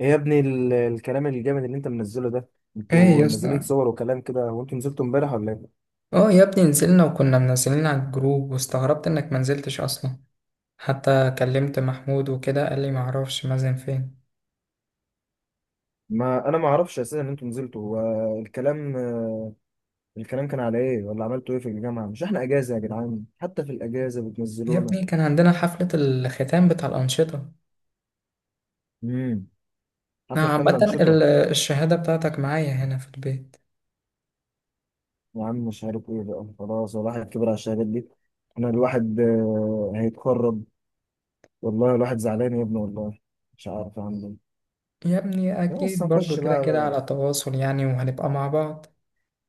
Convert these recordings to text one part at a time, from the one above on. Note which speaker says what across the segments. Speaker 1: ايه يا ابني الكلام الجامد اللي انت منزله ده؟
Speaker 2: ايه
Speaker 1: انتوا
Speaker 2: يا
Speaker 1: منزلين
Speaker 2: اسطى.
Speaker 1: صور وكلام كده، هو انتوا نزلتوا امبارح ولا ايه؟
Speaker 2: اه يا ابني، نزلنا وكنا منزلين على الجروب واستغربت انك منزلتش اصلا. حتى كلمت محمود وكده قال لي معرفش مازن فين.
Speaker 1: ما انا ما اعرفش اساسا ان انتوا نزلتوا. هو الكلام كان على ايه، ولا عملتوا ايه في الجامعه؟ مش احنا اجازه يا جدعان، حتى في الاجازه
Speaker 2: يا
Speaker 1: بتنزلونا.
Speaker 2: ابني كان عندنا حفلة الختام بتاع الأنشطة.
Speaker 1: امم
Speaker 2: أنا
Speaker 1: حفله ختام
Speaker 2: عامة
Speaker 1: الانشطه.
Speaker 2: الشهادة بتاعتك معايا هنا في البيت.
Speaker 1: يا عم مش عارف ايه بقى، خلاص الواحد كبر على الشهادات دي. انا الواحد هيتخرج. والله الواحد زعلان يا ابني والله. مش عارف اعمل
Speaker 2: يا ابني
Speaker 1: ايه، بس
Speaker 2: أكيد برضو
Speaker 1: هنخش
Speaker 2: كده كده
Speaker 1: بقى.
Speaker 2: على تواصل يعني وهنبقى مع بعض.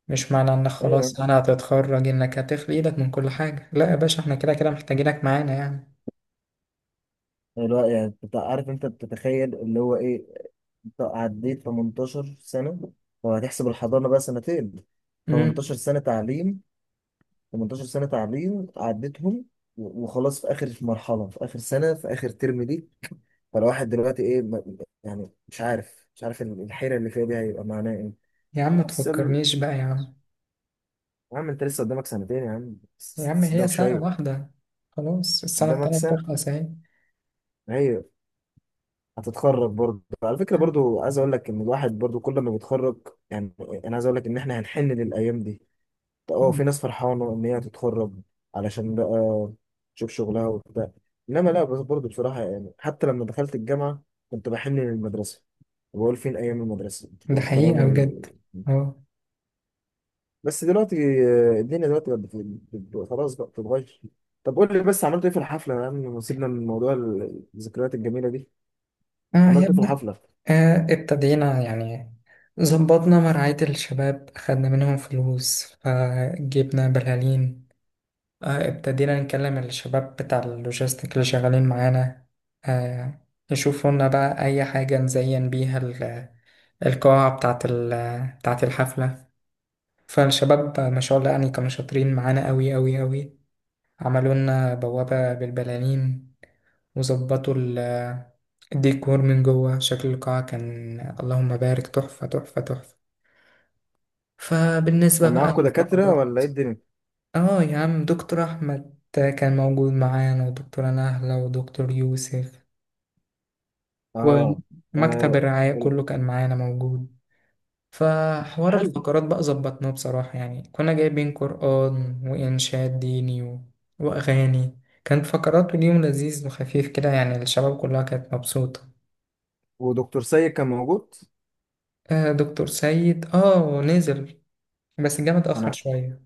Speaker 2: مش معنى إنك
Speaker 1: ايه
Speaker 2: خلاص أنا هتتخرج إنك هتخلي إيدك من كل حاجة، لا يا باشا، إحنا كده كده محتاجينك معانا يعني.
Speaker 1: اللي هو يعني عارف انت بتتخيل اللي هو ايه. انت عديت 18 سنة، لو هتحسب الحضانة بقى سنتين، 18
Speaker 2: امم.
Speaker 1: سنة تعليم 18 سنة تعليم عديتهم. وخلاص، في آخر مرحلة، في آخر سنة، في آخر ترم ليك. فالواحد دلوقتي ايه يعني مش عارف الحيرة اللي فيها دي هيبقى معناها ايه؟
Speaker 2: يا عم
Speaker 1: بس ال-
Speaker 2: متفكرنيش بقى يا عم.
Speaker 1: يا عم انت لسه قدامك سنتين يا عم،
Speaker 2: يا عم
Speaker 1: بس
Speaker 2: هي
Speaker 1: ده
Speaker 2: سنة
Speaker 1: شوية.
Speaker 2: واحدة، خلاص السنة
Speaker 1: قدامك
Speaker 2: التانية
Speaker 1: سنة.
Speaker 2: بتخلص أهي.
Speaker 1: أيوة، هتتخرج برضه. على فكرة برضه عايز اقول لك ان الواحد برضه كل ما بيتخرج يعني، انا عايز اقول لك ان احنا هنحن للايام دي. اه، في ناس فرحانة ان هي تتخرج علشان بقى تشوف شغلها وبتاع، انما لا، بس برضه بصراحة يعني حتى لما دخلت الجامعة كنت بحن للمدرسة، وبقول فين ايام المدرسة
Speaker 2: ده
Speaker 1: والكلام
Speaker 2: حقيقة بجد. أهو.
Speaker 1: بس دلوقتي الدنيا دلوقتي بقت خلاص بقى بتتغير. طب قول لي بس، عملت ايه في الحفلة يا عم، سيبنا من موضوع الذكريات الجميلة دي.
Speaker 2: آه يا
Speaker 1: عملت ايه في
Speaker 2: ابني.
Speaker 1: الحفلة؟
Speaker 2: آه ابتدينا يعني، ظبطنا مرعاية الشباب خدنا منهم فلوس فجبنا بلالين. آه ابتدينا نكلم الشباب بتاع اللوجيستيك اللي شغالين معانا، آه يشوفوا لنا بقى أي حاجة نزين بيها القاعة بتاعت بتاعت الحفلة. فالشباب ما شاء الله يعني كانوا شاطرين معانا أوي أوي أوي، عملوا لنا بوابة بالبلالين وظبطوا الديكور من جوه، شكل القاعة كان اللهم بارك تحفة تحفة تحفة. فبالنسبة
Speaker 1: كان
Speaker 2: بقى
Speaker 1: معاكوا دكاترة
Speaker 2: للفقرات،
Speaker 1: ولا ايه الدنيا؟
Speaker 2: اه يا عم، دكتور أحمد كان موجود معانا ودكتورة نهلة ودكتور يوسف،
Speaker 1: اه،
Speaker 2: ومكتب
Speaker 1: آه،
Speaker 2: الرعاية كله كان معانا موجود. فحوار
Speaker 1: حلو.
Speaker 2: الفقرات بقى ظبطناه بصراحة، يعني كنا جايبين قرآن وإنشاد ديني وأغاني. كانت فقرات واليوم لذيذ وخفيف كده، يعني الشباب كلها كانت مبسوطة.
Speaker 1: ودكتور سيد كان موجود.
Speaker 2: آه دكتور سيد، نزل بس جه متأخر
Speaker 1: انا
Speaker 2: شوية.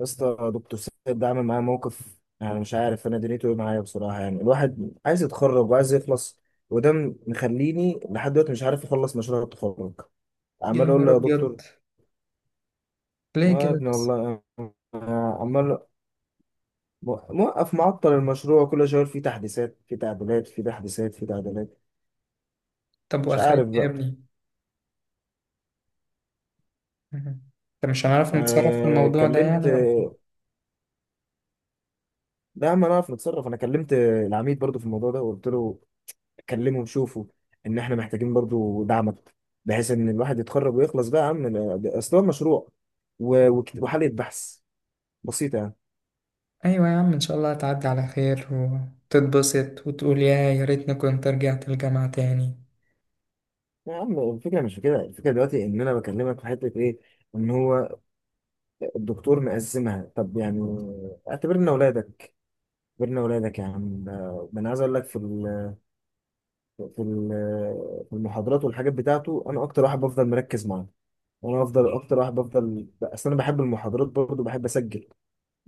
Speaker 1: يا اسطى، دكتور سيد ده عامل معايا موقف يعني، مش عارف انا دنيته ايه معايا بصراحه. يعني الواحد عايز يتخرج وعايز يخلص، وده مخليني لحد دلوقتي مش عارف اخلص مشروع التخرج.
Speaker 2: يا
Speaker 1: عمال اقول
Speaker 2: نهار
Speaker 1: له يا دكتور،
Speaker 2: أبيض،
Speaker 1: اه
Speaker 2: ليه
Speaker 1: يا
Speaker 2: كده
Speaker 1: ابني
Speaker 2: بس؟
Speaker 1: والله، عمال موقف معطل المشروع، كل شويه يقول فيه تحديثات، في تعديلات، في تحديثات، في تعديلات.
Speaker 2: طب
Speaker 1: مش عارف
Speaker 2: وآخرتها يا
Speaker 1: بقى.
Speaker 2: ابني؟ مهم. طب مش هنعرف نتصرف في
Speaker 1: آه
Speaker 2: الموضوع ده يعني،
Speaker 1: كلمت
Speaker 2: ولا؟
Speaker 1: لا، ما نعرف نتصرف. انا كلمت العميد برضو في الموضوع ده وقلت له كلمه وشوفه، ان احنا محتاجين برضو دعمك بحيث ان الواحد يتخرج ويخلص بقى يا عم. اصل هو مشروع وحالة بحث بسيطة يعني.
Speaker 2: أيوة يا عم، إن شاء الله هتعدي على خير وتتبسط وتقول يا ريتني كنت رجعت الجامعة تاني.
Speaker 1: يا عم الفكرة مش في كده، الفكرة دلوقتي ان انا بكلمك في حتة ايه، ان هو الدكتور مقسمها. طب يعني اعتبرنا اولادك، اعتبرنا اولادك يا عم. ده انا عايز اقول لك في المحاضرات والحاجات بتاعته، انا اكتر واحد بفضل مركز معاه، انا افضل اكتر واحد بفضل. اصل انا بحب المحاضرات برضه، بحب اسجل،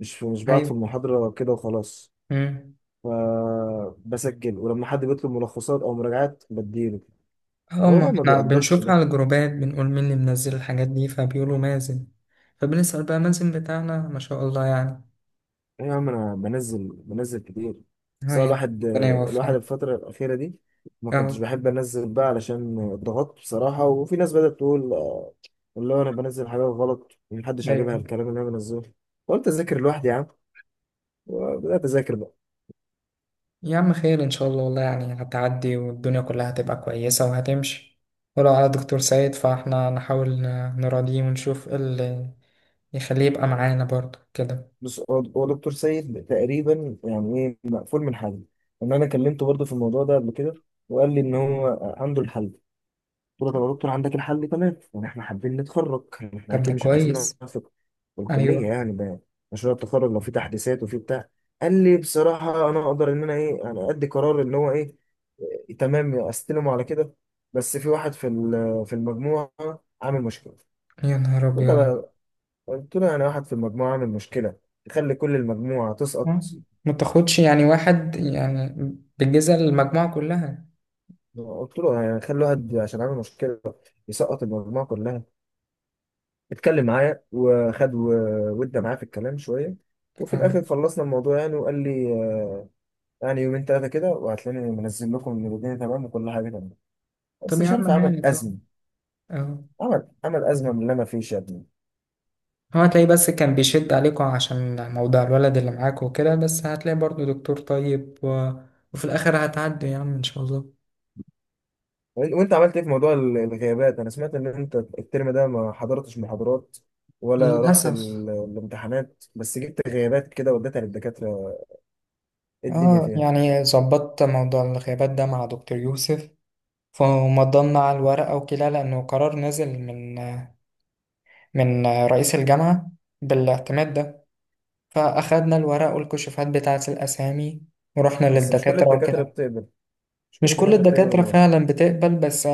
Speaker 1: مش بعد في
Speaker 2: أيوة.
Speaker 1: المحاضرة كده وخلاص.
Speaker 2: مم.
Speaker 1: فبسجل، ولما حد بيطلب ملخصات أو مراجعات بديله،
Speaker 2: اه
Speaker 1: هو
Speaker 2: ما
Speaker 1: بقى ما
Speaker 2: احنا
Speaker 1: بيقدرش
Speaker 2: بنشوف
Speaker 1: ده.
Speaker 2: على الجروبات بنقول مين اللي منزل الحاجات دي فبيقولوا مازن، فبنسأل بقى مازن بتاعنا ما شاء الله يعني.
Speaker 1: إيه يا عم، أنا بنزل كتير.
Speaker 2: اه
Speaker 1: بس هو
Speaker 2: يا
Speaker 1: الواحد
Speaker 2: ربنا
Speaker 1: الواحد
Speaker 2: يوفقك.
Speaker 1: الفترة الأخيرة دي ما كنتش
Speaker 2: اه.
Speaker 1: بحب أنزل بقى علشان اتضغطت بصراحة، وفي ناس بدأت تقول اللي هو أنا بنزل حاجات غلط، ومحدش عاجبها
Speaker 2: ايوه.
Speaker 1: الكلام اللي أنا بنزله. قلت أذاكر لوحدي يا عم، وبدأت أذاكر بقى.
Speaker 2: يا عم خير ان شاء الله، والله يعني هتعدي والدنيا كلها هتبقى كويسة وهتمشي. ولو على دكتور سيد فاحنا نحاول نراضيه ونشوف ايه اللي يخليه يبقى معانا برضه كده.
Speaker 1: بص، هو دكتور سيد تقريبا يعني ايه مقفول من حل. ان انا كلمته برضه في الموضوع ده قبل كده، وقال لي ان هو عنده الحل. قلت له طب يا دكتور، عندك الحل تمام، يعني احنا حابين نتخرج، يعني احنا
Speaker 2: طب ده
Speaker 1: اكيد مش عايزين
Speaker 2: كويس.
Speaker 1: نوافق الكليه
Speaker 2: ايوه.
Speaker 1: يعني، ده مشروع التخرج لو في تحديثات وفي بتاع. قال لي بصراحه انا اقدر ان انا ايه يعني، ادي قرار اللي هو ايه، إيه، تمام، استلمه على كده، بس في واحد في المجموعه عامل مشكله.
Speaker 2: يا نهار ابيض.
Speaker 1: قلت له يعني واحد في المجموعة عامل مشكلة يخلي كل المجموعة تسقط؟
Speaker 2: آه، ما تاخدش يعني واحد يعني بالجزء المجموعة كلها.
Speaker 1: قلت له يعني خلي واحد عشان عامل مشكلة يسقط المجموعة كلها! اتكلم معايا وخد ودى معايا في الكلام شوية، وفي
Speaker 2: اه.
Speaker 1: الآخر خلصنا الموضوع يعني، وقال لي يعني يومين تلاتة كده وهتلاقيني منزل لكم إن الدنيا تمام وكل حاجة تمام. بس
Speaker 2: طب يا
Speaker 1: مش عارف،
Speaker 2: عم،
Speaker 1: عمل
Speaker 2: يعني طب.
Speaker 1: أزمة،
Speaker 2: اهو.
Speaker 1: عمل أزمة من اللي أنا فيه يا ابني.
Speaker 2: هو هتلاقيه بس كان بيشد عليكوا عشان موضوع الولد اللي معاكوا وكده، بس هتلاقي برضه دكتور طيب وفي الآخر هتعدي يا عم إن شاء الله.
Speaker 1: وانت عملت ايه في موضوع الغيابات؟ انا سمعت ان انت الترم ده ما حضرتش محاضرات ولا رحت
Speaker 2: للأسف.
Speaker 1: الامتحانات، بس جبت غيابات كده وديتها للدكاترة. ايه الدنيا
Speaker 2: اه
Speaker 1: فيها.
Speaker 2: يعني ظبطت موضوع الغيابات ده مع دكتور يوسف، فمضمنا على الورقة وكده لأنه قرار نزل من من رئيس الجامعة بالاعتماد ده. فأخدنا الورق والكشوفات بتاعة الأسامي ورحنا
Speaker 1: بس
Speaker 2: للدكاترة وكده.
Speaker 1: مش كل
Speaker 2: مش كل
Speaker 1: الدكاترة بتقبل
Speaker 2: الدكاترة
Speaker 1: الموضوع.
Speaker 2: فعلا بتقبل، بس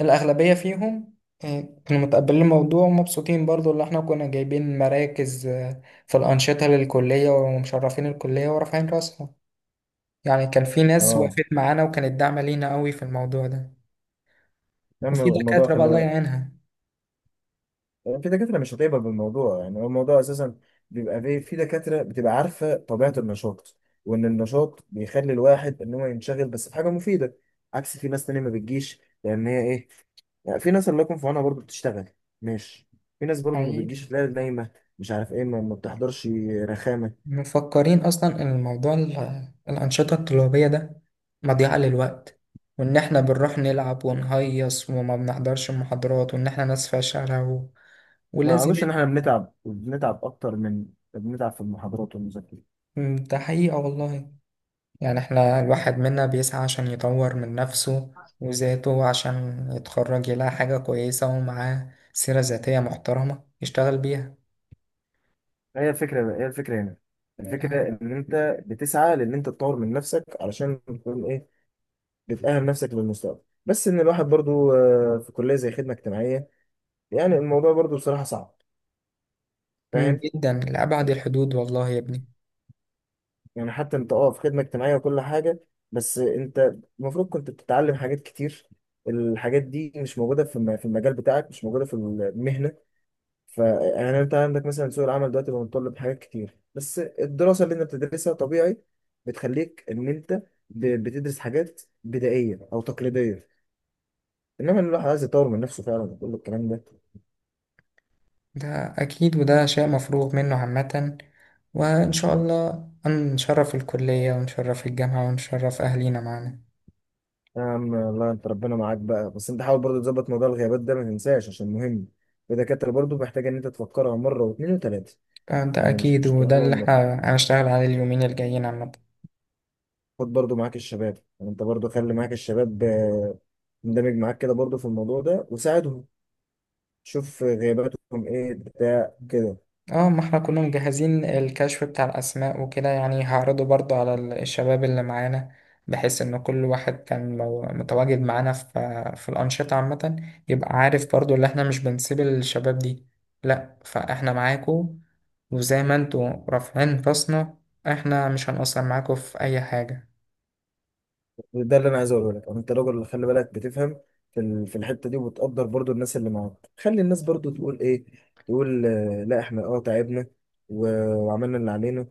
Speaker 2: الأغلبية فيهم آه، كانوا متقبلين الموضوع ومبسوطين برضو، اللي احنا كنا جايبين مراكز في الأنشطة للكلية ومشرفين الكلية ورافعين راسهم. يعني كان في ناس
Speaker 1: اه،
Speaker 2: وقفت معانا وكانت داعمة لينا قوي في الموضوع ده.
Speaker 1: اما
Speaker 2: وفي
Speaker 1: الموضوع
Speaker 2: دكاترة بقى
Speaker 1: خلي
Speaker 2: الله
Speaker 1: بالك،
Speaker 2: يعينها.
Speaker 1: يعني في دكاترة مش هتقبل بالموضوع. يعني هو الموضوع أساسا بيبقى في دكاترة بتبقى عارفة طبيعة النشاط، وإن النشاط بيخلي الواحد إن هو ينشغل بس في حاجة مفيدة. عكس في ناس تانية ما بتجيش لأن هي إيه يعني، في ناس الله يكون في عونها برضه بتشتغل، ماشي. في ناس برضه ما
Speaker 2: حقيقي.
Speaker 1: بتجيش، تلاقي نايمة، مش عارف إيه، ما بتحضرش. رخامة.
Speaker 2: مفكرين أصلا إن الموضوع الأنشطة الطلابية ده مضيعة للوقت، وإن احنا بنروح نلعب ونهيص وما بنحضرش المحاضرات وإن احنا ناس فاشلة
Speaker 1: ما
Speaker 2: ولازم.
Speaker 1: أعرفش إن إحنا بنتعب، وبنتعب أكتر من، بنتعب في المحاضرات والمذاكرة.
Speaker 2: ده حقيقة والله، يعني احنا الواحد منا بيسعى عشان يطور من نفسه وذاته، عشان يتخرج يلاقي حاجة كويسة ومعاه سيرة ذاتية محترمة يشتغل بيها.
Speaker 1: هي الفكرة هنا، الفكرة إن أنت بتسعى لأن أنت تطور من نفسك علشان تكون إيه، بتأهل نفسك للمستقبل. بس ان الواحد برضو في كلية زي خدمة اجتماعية، يعني الموضوع برضو بصراحة صعب، فاهم؟
Speaker 2: جدا لأبعد الحدود والله يا ابني.
Speaker 1: يعني حتى انت في خدمة اجتماعية وكل حاجة، بس انت المفروض كنت بتتعلم حاجات كتير، الحاجات دي مش موجودة في المجال بتاعك، مش موجودة في المهنة. ف يعني انت عندك مثلا سوق العمل دلوقتي بقى متطلب حاجات كتير، بس الدراسة اللي انت بتدرسها طبيعي بتخليك ان انت بتدرس حاجات بدائية او تقليدية. انما إن الواحد عايز يطور من نفسه فعلا، وكل الكلام ده.
Speaker 2: ده أكيد وده شيء مفروغ منه عامة، وإن شاء الله نشرف الكلية ونشرف الجامعة ونشرف أهلينا معانا.
Speaker 1: يا عم الله انت، ربنا معاك بقى، بس انت حاول برضو تظبط موضوع الغيابات ده، ما تنساش عشان مهم، الدكاترة برضو محتاجة ان انت تفكرها مرة واثنين وثلاثة،
Speaker 2: ده
Speaker 1: يعني مش
Speaker 2: أكيد
Speaker 1: مش تروح
Speaker 2: وده اللي
Speaker 1: لهم مرة.
Speaker 2: احنا هنشتغل عليه اليومين الجايين عامة.
Speaker 1: خد برضو معاك الشباب، يعني انت برضو خلي معاك الشباب، اندمج معاك كده برضو في الموضوع ده، وساعدهم، شوف غياباتهم ايه بتاع كده.
Speaker 2: اه ما احنا كنا مجهزين الكشف بتاع الأسماء وكده، يعني هعرضه برضو على الشباب اللي معانا بحيث إن كل واحد كان متواجد معانا في الأنشطة عامة يبقى عارف برضو، اللي احنا مش بنسيب الشباب دي. لأ فاحنا معاكو، وزي ما انتوا رافعين راسنا احنا مش هنقصر معاكو في أي حاجة.
Speaker 1: ده اللي انا عايز اقوله لك، انت راجل اللي خلي بالك بتفهم في الحتة دي، وبتقدر برضو الناس اللي معاك. خلي الناس برضو تقول ايه، تقول لا، احنا تعبنا وعملنا اللي علينا،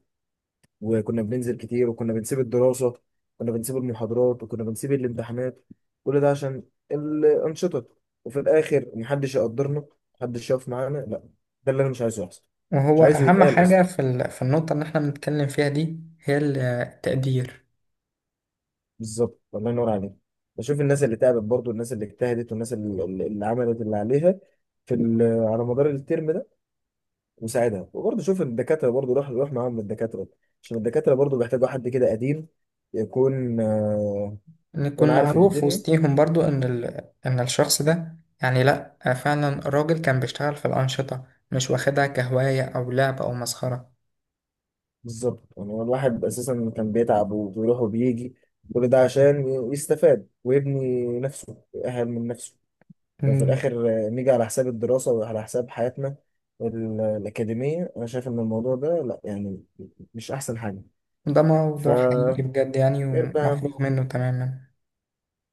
Speaker 1: وكنا بننزل كتير، وكنا بنسيب الدراسة، كنا بنسيب المحاضرات، وكنا بنسيب الامتحانات، كل ده عشان الأنشطة، وفي الآخر محدش يقدرنا، محدش يقف معانا، لا. ده اللي أنا مش عايزه يحصل، مش
Speaker 2: وهو
Speaker 1: عايزه
Speaker 2: أهم لا
Speaker 1: يتقال أصلا.
Speaker 2: حاجة في في النقطة اللي احنا بنتكلم فيها دي هي التقدير.
Speaker 1: بالظبط، الله ينور عليك. بشوف الناس اللي تعبت برضو، الناس اللي اجتهدت، والناس اللي عملت اللي عليها على مدار الترم ده، وساعدها. وبرضه شوف الدكاترة برضه، روح روح معاهم الدكاترة، عشان الدكاترة برضه بيحتاجوا حد كده قديم، يكون يكون
Speaker 2: نكون
Speaker 1: عارف
Speaker 2: معروف
Speaker 1: الدنيا.
Speaker 2: وسطيهم برضو ان الشخص ده يعني لا، فعلا راجل كان بيشتغل في الأنشطة، مش واخدها كهواية او لعب او مسخرة.
Speaker 1: بالظبط، يعني هو الواحد اساسا كان بيتعب وبيروح وبيجي، كل ده عشان يستفاد ويبني نفسه، يأهل من نفسه. ففي
Speaker 2: مم.
Speaker 1: الاخر نيجي على حساب الدراسه وعلى حساب حياتنا الاكاديميه. انا شايف ان الموضوع ده لا يعني، مش احسن حاجه.
Speaker 2: ده
Speaker 1: ف
Speaker 2: موضوع حقيقي بجد يعني
Speaker 1: غير بقى،
Speaker 2: ومفروغ منه تماما.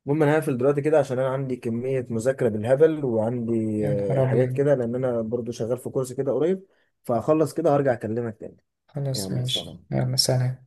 Speaker 1: المهم انا هقفل دلوقتي كده عشان انا عندي كميه مذاكره بالهبل، وعندي
Speaker 2: يا نهار
Speaker 1: حاجات
Speaker 2: ابيض.
Speaker 1: كده لان انا برضو شغال في كورس كده قريب، فهخلص كده وهرجع اكلمك تاني.
Speaker 2: خلاص
Speaker 1: يلا
Speaker 2: ماشي،
Speaker 1: سلام.
Speaker 2: يلا سلام.